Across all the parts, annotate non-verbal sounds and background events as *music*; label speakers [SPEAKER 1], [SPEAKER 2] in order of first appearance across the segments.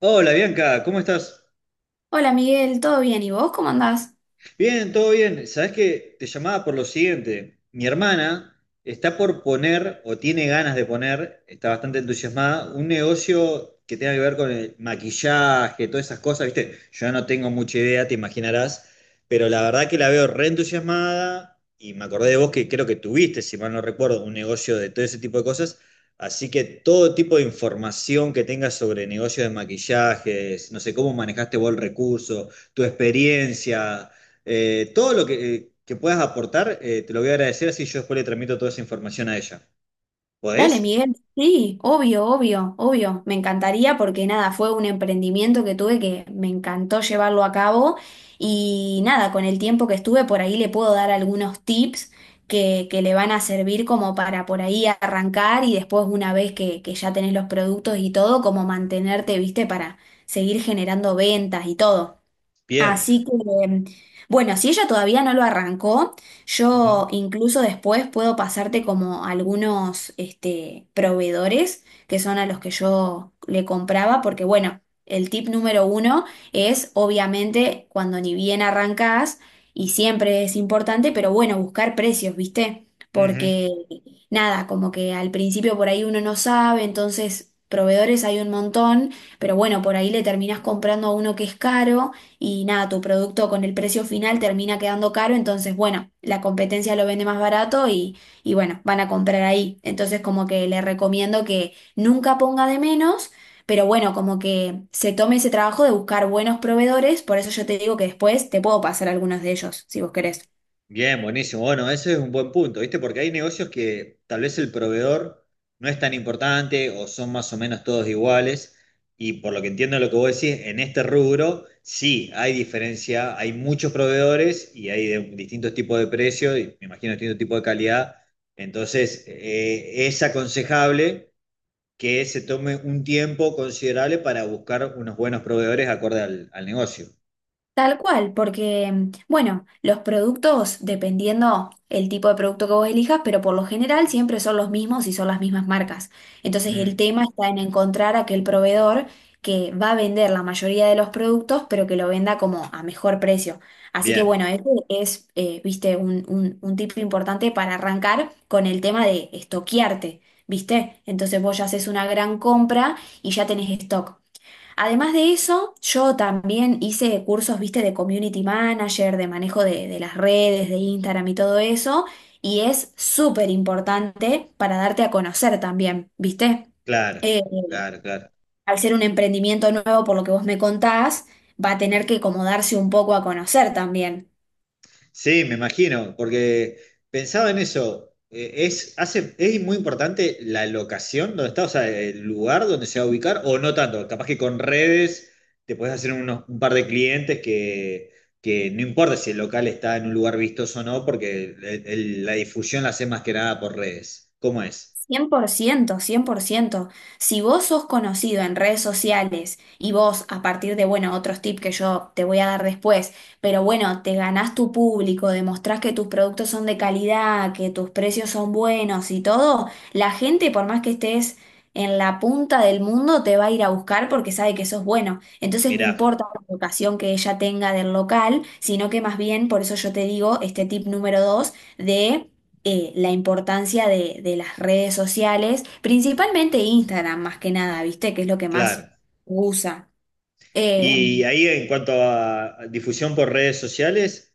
[SPEAKER 1] Hola Bianca, ¿cómo estás?
[SPEAKER 2] Hola Miguel, ¿todo bien? ¿Y vos cómo andás?
[SPEAKER 1] Bien, todo bien. Sabes que te llamaba por lo siguiente. Mi hermana está por poner, o tiene ganas de poner, está bastante entusiasmada, un negocio que tenga que ver con el maquillaje, todas esas cosas, ¿viste? Yo no tengo mucha idea, te imaginarás, pero la verdad que la veo re entusiasmada y me acordé de vos que creo que tuviste, si mal no recuerdo, un negocio de todo ese tipo de cosas. Así que todo tipo de información que tengas sobre negocios de maquillajes, no sé cómo manejaste vos el recurso, tu experiencia todo lo que puedas aportar, te lo voy a agradecer, así yo después le transmito toda esa información a ella.
[SPEAKER 2] Dale,
[SPEAKER 1] ¿Podés?
[SPEAKER 2] Miguel. Sí, obvio, obvio, obvio. Me encantaría porque nada, fue un emprendimiento que tuve que me encantó llevarlo a cabo y nada, con el tiempo que estuve por ahí le puedo dar algunos tips que le van a servir como para por ahí arrancar y después una vez que ya tenés los productos y todo, como mantenerte, viste, para seguir generando ventas y todo.
[SPEAKER 1] Bien.
[SPEAKER 2] Así que, em, bueno, si ella todavía no lo arrancó,
[SPEAKER 1] Ujú,
[SPEAKER 2] yo incluso después puedo pasarte como algunos este, proveedores que son a los que yo le compraba, porque bueno, el tip número uno es obviamente cuando ni bien arrancás, y siempre es importante, pero bueno, buscar precios, ¿viste?
[SPEAKER 1] ujú.
[SPEAKER 2] Porque nada, como que al principio por ahí uno no sabe, entonces proveedores hay un montón, pero bueno, por ahí le terminás comprando a uno que es caro y nada, tu producto con el precio final termina quedando caro, entonces bueno, la competencia lo vende más barato y bueno, van a comprar ahí. Entonces como que le recomiendo que nunca ponga de menos, pero bueno, como que se tome ese trabajo de buscar buenos proveedores, por eso yo te digo que después te puedo pasar algunos de ellos, si vos querés.
[SPEAKER 1] Bien, buenísimo. Bueno, ese es un buen punto, ¿viste? Porque hay negocios que tal vez el proveedor no es tan importante o son más o menos todos iguales. Y por lo que entiendo lo que vos decís, en este rubro sí hay diferencia, hay muchos proveedores y hay de distintos tipos de precios y me imagino distintos tipos de calidad. Entonces, es aconsejable que se tome un tiempo considerable para buscar unos buenos proveedores acorde al negocio.
[SPEAKER 2] Tal cual, porque, bueno, los productos, dependiendo el tipo de producto que vos elijas, pero por lo general siempre son los mismos y son las mismas marcas. Entonces el
[SPEAKER 1] Mm,
[SPEAKER 2] tema está en encontrar aquel proveedor que va a vender la mayoría de los productos, pero que lo venda como a mejor precio. Así que bueno,
[SPEAKER 1] bien,
[SPEAKER 2] ese es, viste, un tip importante para arrancar con el tema de estoquearte, ¿viste? Entonces vos ya haces una gran compra y ya tenés stock. Además de eso, yo también hice cursos, viste, de community manager, de manejo de las redes, de Instagram y todo eso, y es súper importante para darte a conocer también, viste.
[SPEAKER 1] claro,
[SPEAKER 2] Eh,
[SPEAKER 1] claro, claro.
[SPEAKER 2] Al ser un emprendimiento nuevo, por lo que vos me contás, va a tener que como darse un poco a conocer también.
[SPEAKER 1] Sí, me imagino, porque pensaba en eso. ¿Es, hace, es muy importante la locación donde está, o sea, el lugar donde se va a ubicar, o no tanto? Capaz que con redes te puedes hacer unos, un par de clientes que no importa si el local está en un lugar vistoso o no, porque el- la difusión la hace más que nada por redes. ¿Cómo es?
[SPEAKER 2] 100%, 100%. Si vos sos conocido en redes sociales y vos, a partir de, bueno, otros tips que yo te voy a dar después, pero bueno, te ganás tu público, demostrás que tus productos son de calidad, que tus precios son buenos y todo, la gente, por más que estés en la punta del mundo, te va a ir a buscar porque sabe que sos bueno. Entonces no
[SPEAKER 1] Mirá,
[SPEAKER 2] importa la vocación que ella tenga del local, sino que más bien, por eso yo te digo, este tip número dos, de la importancia de las redes sociales, principalmente Instagram más que nada, ¿viste? Que es lo que
[SPEAKER 1] claro.
[SPEAKER 2] más usa.
[SPEAKER 1] Y
[SPEAKER 2] Em,
[SPEAKER 1] ahí en cuanto a difusión por redes sociales,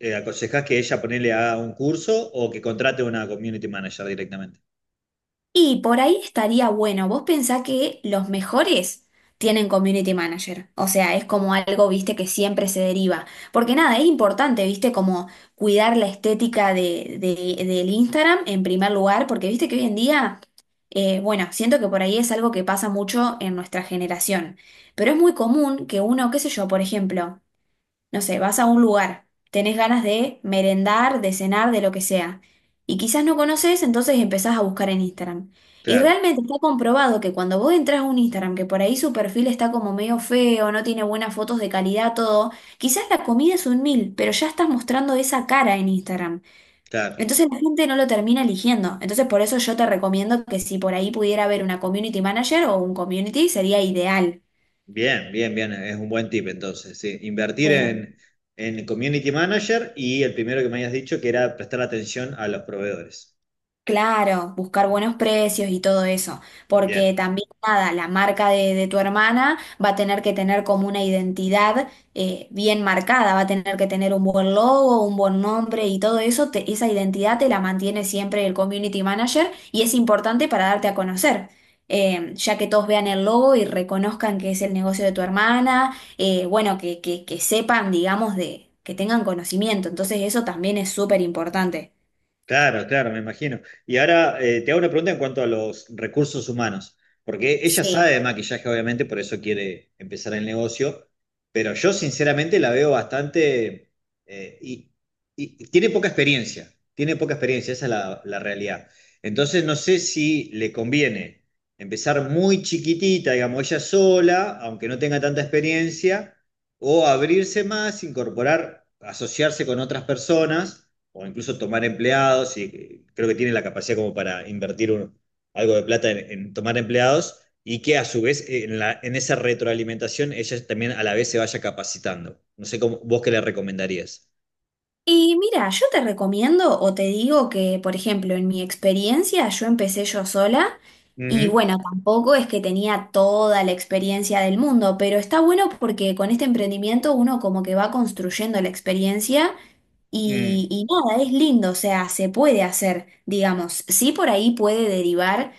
[SPEAKER 1] ¿aconsejás que ella ponele a un curso o que contrate una community manager directamente?
[SPEAKER 2] Y por ahí estaría bueno. Vos pensás que los mejores tienen community manager. O sea, es como algo, viste, que siempre se deriva. Porque nada, es importante, viste, como cuidar la estética de- del Instagram en primer lugar. Porque viste que hoy en día, bueno, siento que por ahí es algo que pasa mucho en nuestra generación. Pero es muy común que uno, qué sé yo, por ejemplo. No sé, vas a un lugar, tenés ganas de merendar, de cenar, de lo que sea. Y quizás no conoces, entonces empezás a buscar en Instagram. Y
[SPEAKER 1] Claro,
[SPEAKER 2] realmente está comprobado que cuando vos entras a un Instagram, que por ahí su perfil está como medio feo, no tiene buenas fotos de calidad, todo, quizás la comida es un mil, pero ya estás mostrando esa cara en Instagram.
[SPEAKER 1] claro.
[SPEAKER 2] Entonces la gente no lo termina eligiendo. Entonces por eso yo te recomiendo que si por ahí pudiera haber una community manager o un community, sería ideal.
[SPEAKER 1] Bien, bien, bien. Es un buen tip entonces. Sí. Invertir
[SPEAKER 2] Eh,
[SPEAKER 1] en community manager y el primero que me habías dicho que era prestar atención a los proveedores.
[SPEAKER 2] Claro, buscar
[SPEAKER 1] Mm,
[SPEAKER 2] buenos precios y todo eso,
[SPEAKER 1] bien.
[SPEAKER 2] porque también nada, la marca de tu hermana va a tener que tener como una identidad bien marcada, va a tener que tener un buen logo, un buen nombre y todo eso, te- esa identidad te la mantiene siempre el community manager y es importante para darte a conocer, ya que todos vean el logo y reconozcan que es el negocio de tu hermana, bueno, que sepan, digamos, de, que tengan conocimiento, entonces eso también es súper importante.
[SPEAKER 1] Claro, claro, me imagino. Y ahora te hago una pregunta en cuanto a los recursos humanos, porque ella sabe
[SPEAKER 2] Sí.
[SPEAKER 1] de maquillaje, obviamente, por eso quiere empezar el negocio, pero yo sinceramente la veo bastante... eh, y, y tiene poca experiencia, esa es la realidad. Entonces no sé si le conviene empezar muy chiquitita, digamos, ella sola, aunque no tenga tanta experiencia, o abrirse más, incorporar, asociarse con otras personas o incluso tomar empleados, y creo que tiene la capacidad como para invertir un, algo de plata tomar empleados, y que a su vez esa retroalimentación ella también a la vez se vaya capacitando. No sé cómo, vos qué le recomendarías.
[SPEAKER 2] Y mira, yo te recomiendo o te digo que, por ejemplo, en mi experiencia yo empecé yo sola
[SPEAKER 1] Uh
[SPEAKER 2] y
[SPEAKER 1] -huh.
[SPEAKER 2] bueno, tampoco es que tenía toda la experiencia del mundo, pero está bueno porque con este emprendimiento uno como que va construyendo la experiencia
[SPEAKER 1] Mm.
[SPEAKER 2] y nada, es lindo, o sea, se puede hacer, digamos, sí por ahí puede derivar,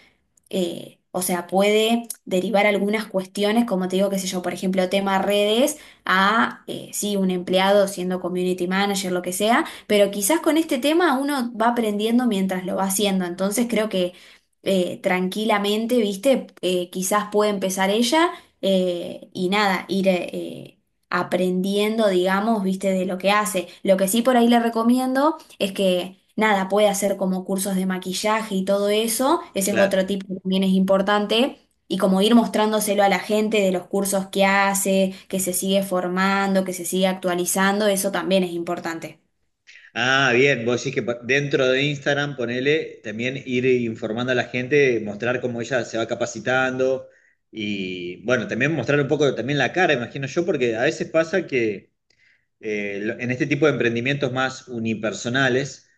[SPEAKER 2] o sea, puede derivar algunas cuestiones, como te digo, qué sé yo, por ejemplo, tema redes, a, sí, un empleado siendo community manager, lo que sea, pero quizás con este tema uno va aprendiendo mientras lo va haciendo, entonces creo que tranquilamente, viste. Quizás puede empezar ella y nada, ir... aprendiendo, digamos, viste, de lo que hace. Lo que sí por ahí le recomiendo es que, nada, puede hacer como cursos de maquillaje y todo eso. Ese es
[SPEAKER 1] Claro.
[SPEAKER 2] otro tip que también es importante. Y como ir mostrándoselo a la gente de los cursos que hace, que se sigue formando, que se sigue actualizando, eso también es importante.
[SPEAKER 1] Ah, bien, vos decís que pa- dentro de Instagram, ponele, también ir informando a la gente, mostrar cómo ella se va capacitando y, bueno, también mostrar un poco también la cara, imagino yo, porque a veces pasa que en este tipo de emprendimientos más unipersonales,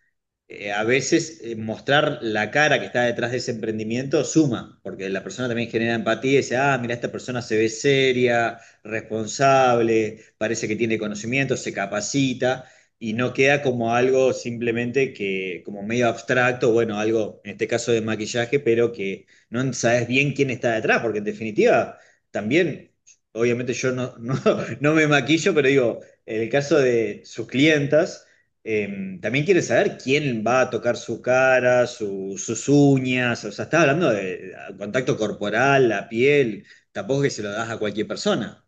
[SPEAKER 1] a veces mostrar la cara que está detrás de ese emprendimiento suma, porque la persona también genera empatía y dice, ah, mira, esta persona se ve seria, responsable, parece que tiene conocimiento, se capacita, y no queda como algo simplemente que, como medio abstracto, bueno, algo, en este caso de maquillaje, pero que no sabes bien quién está detrás, porque en definitiva, también... Obviamente yo no, no, *laughs* no me maquillo, pero digo, en el caso de sus clientas, eh, también quiere saber quién va a tocar su cara, sus uñas, o sea, estás hablando de contacto corporal, la piel, tampoco es que se lo das a cualquier persona.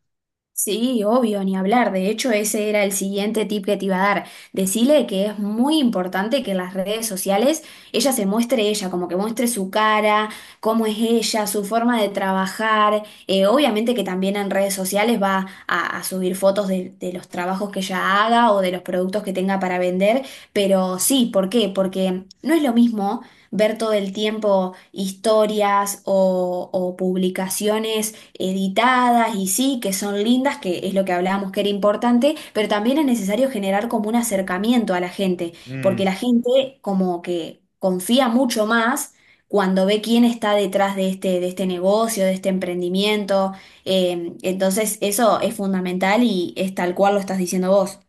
[SPEAKER 2] Sí, obvio, ni hablar. De hecho, ese era el siguiente tip que te iba a dar. Decile que es muy importante que en las redes sociales ella se muestre ella, como que muestre su cara, cómo es ella, su forma de trabajar. Obviamente que también en redes sociales va a subir fotos de los trabajos que ella haga o de los productos que tenga para vender, pero sí, ¿por qué? Porque no es lo mismo ver todo el tiempo historias o publicaciones editadas y sí, que son lindas, que es lo que hablábamos que era importante, pero también es necesario generar como un acercamiento a la gente,
[SPEAKER 1] Mm,
[SPEAKER 2] porque la gente como que confía mucho más cuando ve quién está detrás de este negocio, de este emprendimiento. Entonces eso es fundamental y es tal cual lo estás diciendo vos.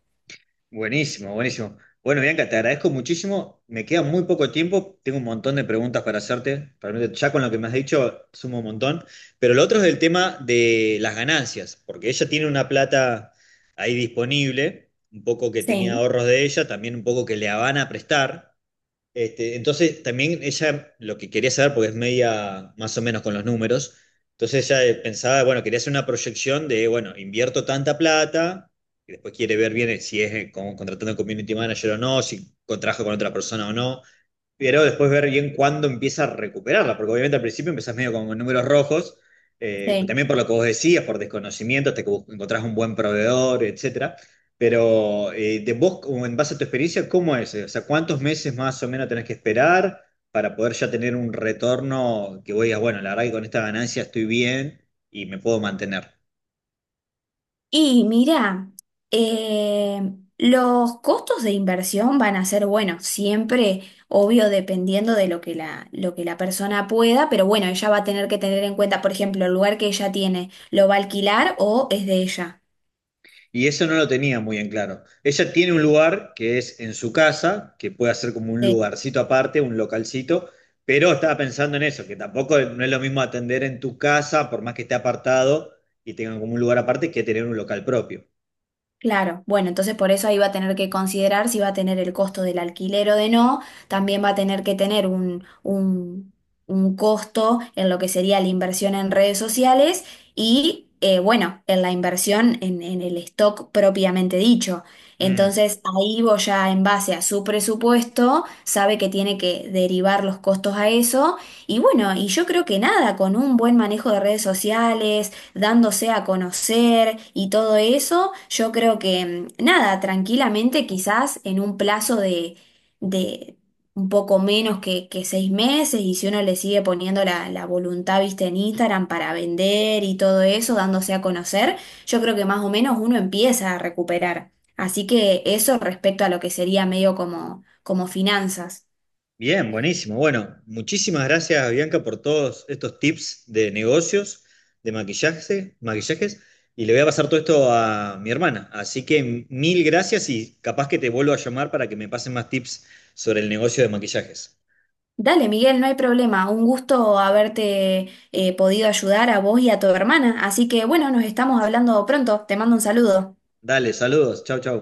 [SPEAKER 1] buenísimo, buenísimo. Bueno, Bianca, te agradezco muchísimo. Me queda muy poco tiempo. Tengo un montón de preguntas para hacerte. Realmente ya con lo que me has dicho sumo un montón. Pero lo otro es el tema de las ganancias, porque ella tiene una plata ahí disponible, un poco que tenía
[SPEAKER 2] Sí,
[SPEAKER 1] ahorros de ella, también un poco que le van a prestar. Este, entonces, también ella lo que quería saber, porque es media más o menos con los números, entonces ella pensaba, bueno, quería hacer una proyección de, bueno, invierto tanta plata, y después quiere ver bien si es como contratando un community manager o no, si contrajo con otra persona o no, pero después ver bien cuándo empieza a recuperarla, porque obviamente al principio empezás medio con números rojos,
[SPEAKER 2] sí.
[SPEAKER 1] también por lo que vos decías, por desconocimiento, hasta que vos encontrás un buen proveedor, etcétera. Pero de vos, como en base a tu experiencia, ¿cómo es? O sea, ¿cuántos meses más o menos tenés que esperar para poder ya tener un retorno que vos digas, bueno, la verdad que con esta ganancia estoy bien y me puedo mantener?
[SPEAKER 2] Y mira, eh, los costos de inversión van a ser, bueno, siempre, obvio, dependiendo de lo que la persona pueda, pero bueno, ella va a tener que tener en cuenta, por ejemplo, el lugar que ella tiene, ¿lo va a alquilar o es de ella?
[SPEAKER 1] Y eso no lo tenía muy en claro. Ella tiene un lugar que es en su casa, que puede ser como un
[SPEAKER 2] Sí.
[SPEAKER 1] lugarcito aparte, un localcito, pero estaba pensando en eso, que tampoco no es lo mismo atender en tu casa, por más que esté apartado y tengan como un lugar aparte, que tener un local propio.
[SPEAKER 2] Claro, bueno, entonces por eso ahí va a tener que considerar si va a tener el costo del alquiler o de no, también va a tener que tener un costo en lo que sería la inversión en redes sociales y, bueno, en la inversión en el stock propiamente dicho.
[SPEAKER 1] Mm.
[SPEAKER 2] Entonces ahí vos ya en base a su presupuesto sabe que tiene que derivar los costos a eso y bueno, y yo creo que nada, con un buen manejo de redes sociales dándose a conocer y todo eso, yo creo que nada, tranquilamente quizás en un plazo de un poco menos que 6 meses y si uno le sigue poniendo la, la voluntad, viste, en Instagram para vender y todo eso, dándose a conocer, yo creo que más o menos uno empieza a recuperar. Así que eso respecto a lo que sería medio como, como finanzas.
[SPEAKER 1] Bien, buenísimo. Bueno, muchísimas gracias, Bianca, por todos estos tips de negocios, de maquillaje, maquillajes. Y le voy a pasar todo esto a mi hermana. Así que mil gracias y capaz que te vuelvo a llamar para que me pasen más tips sobre el negocio de maquillajes.
[SPEAKER 2] Dale, Miguel, no hay problema. Un gusto haberte podido ayudar a vos y a tu hermana. Así que bueno, nos estamos hablando pronto. Te mando un saludo.
[SPEAKER 1] Dale, saludos. Chau, chau.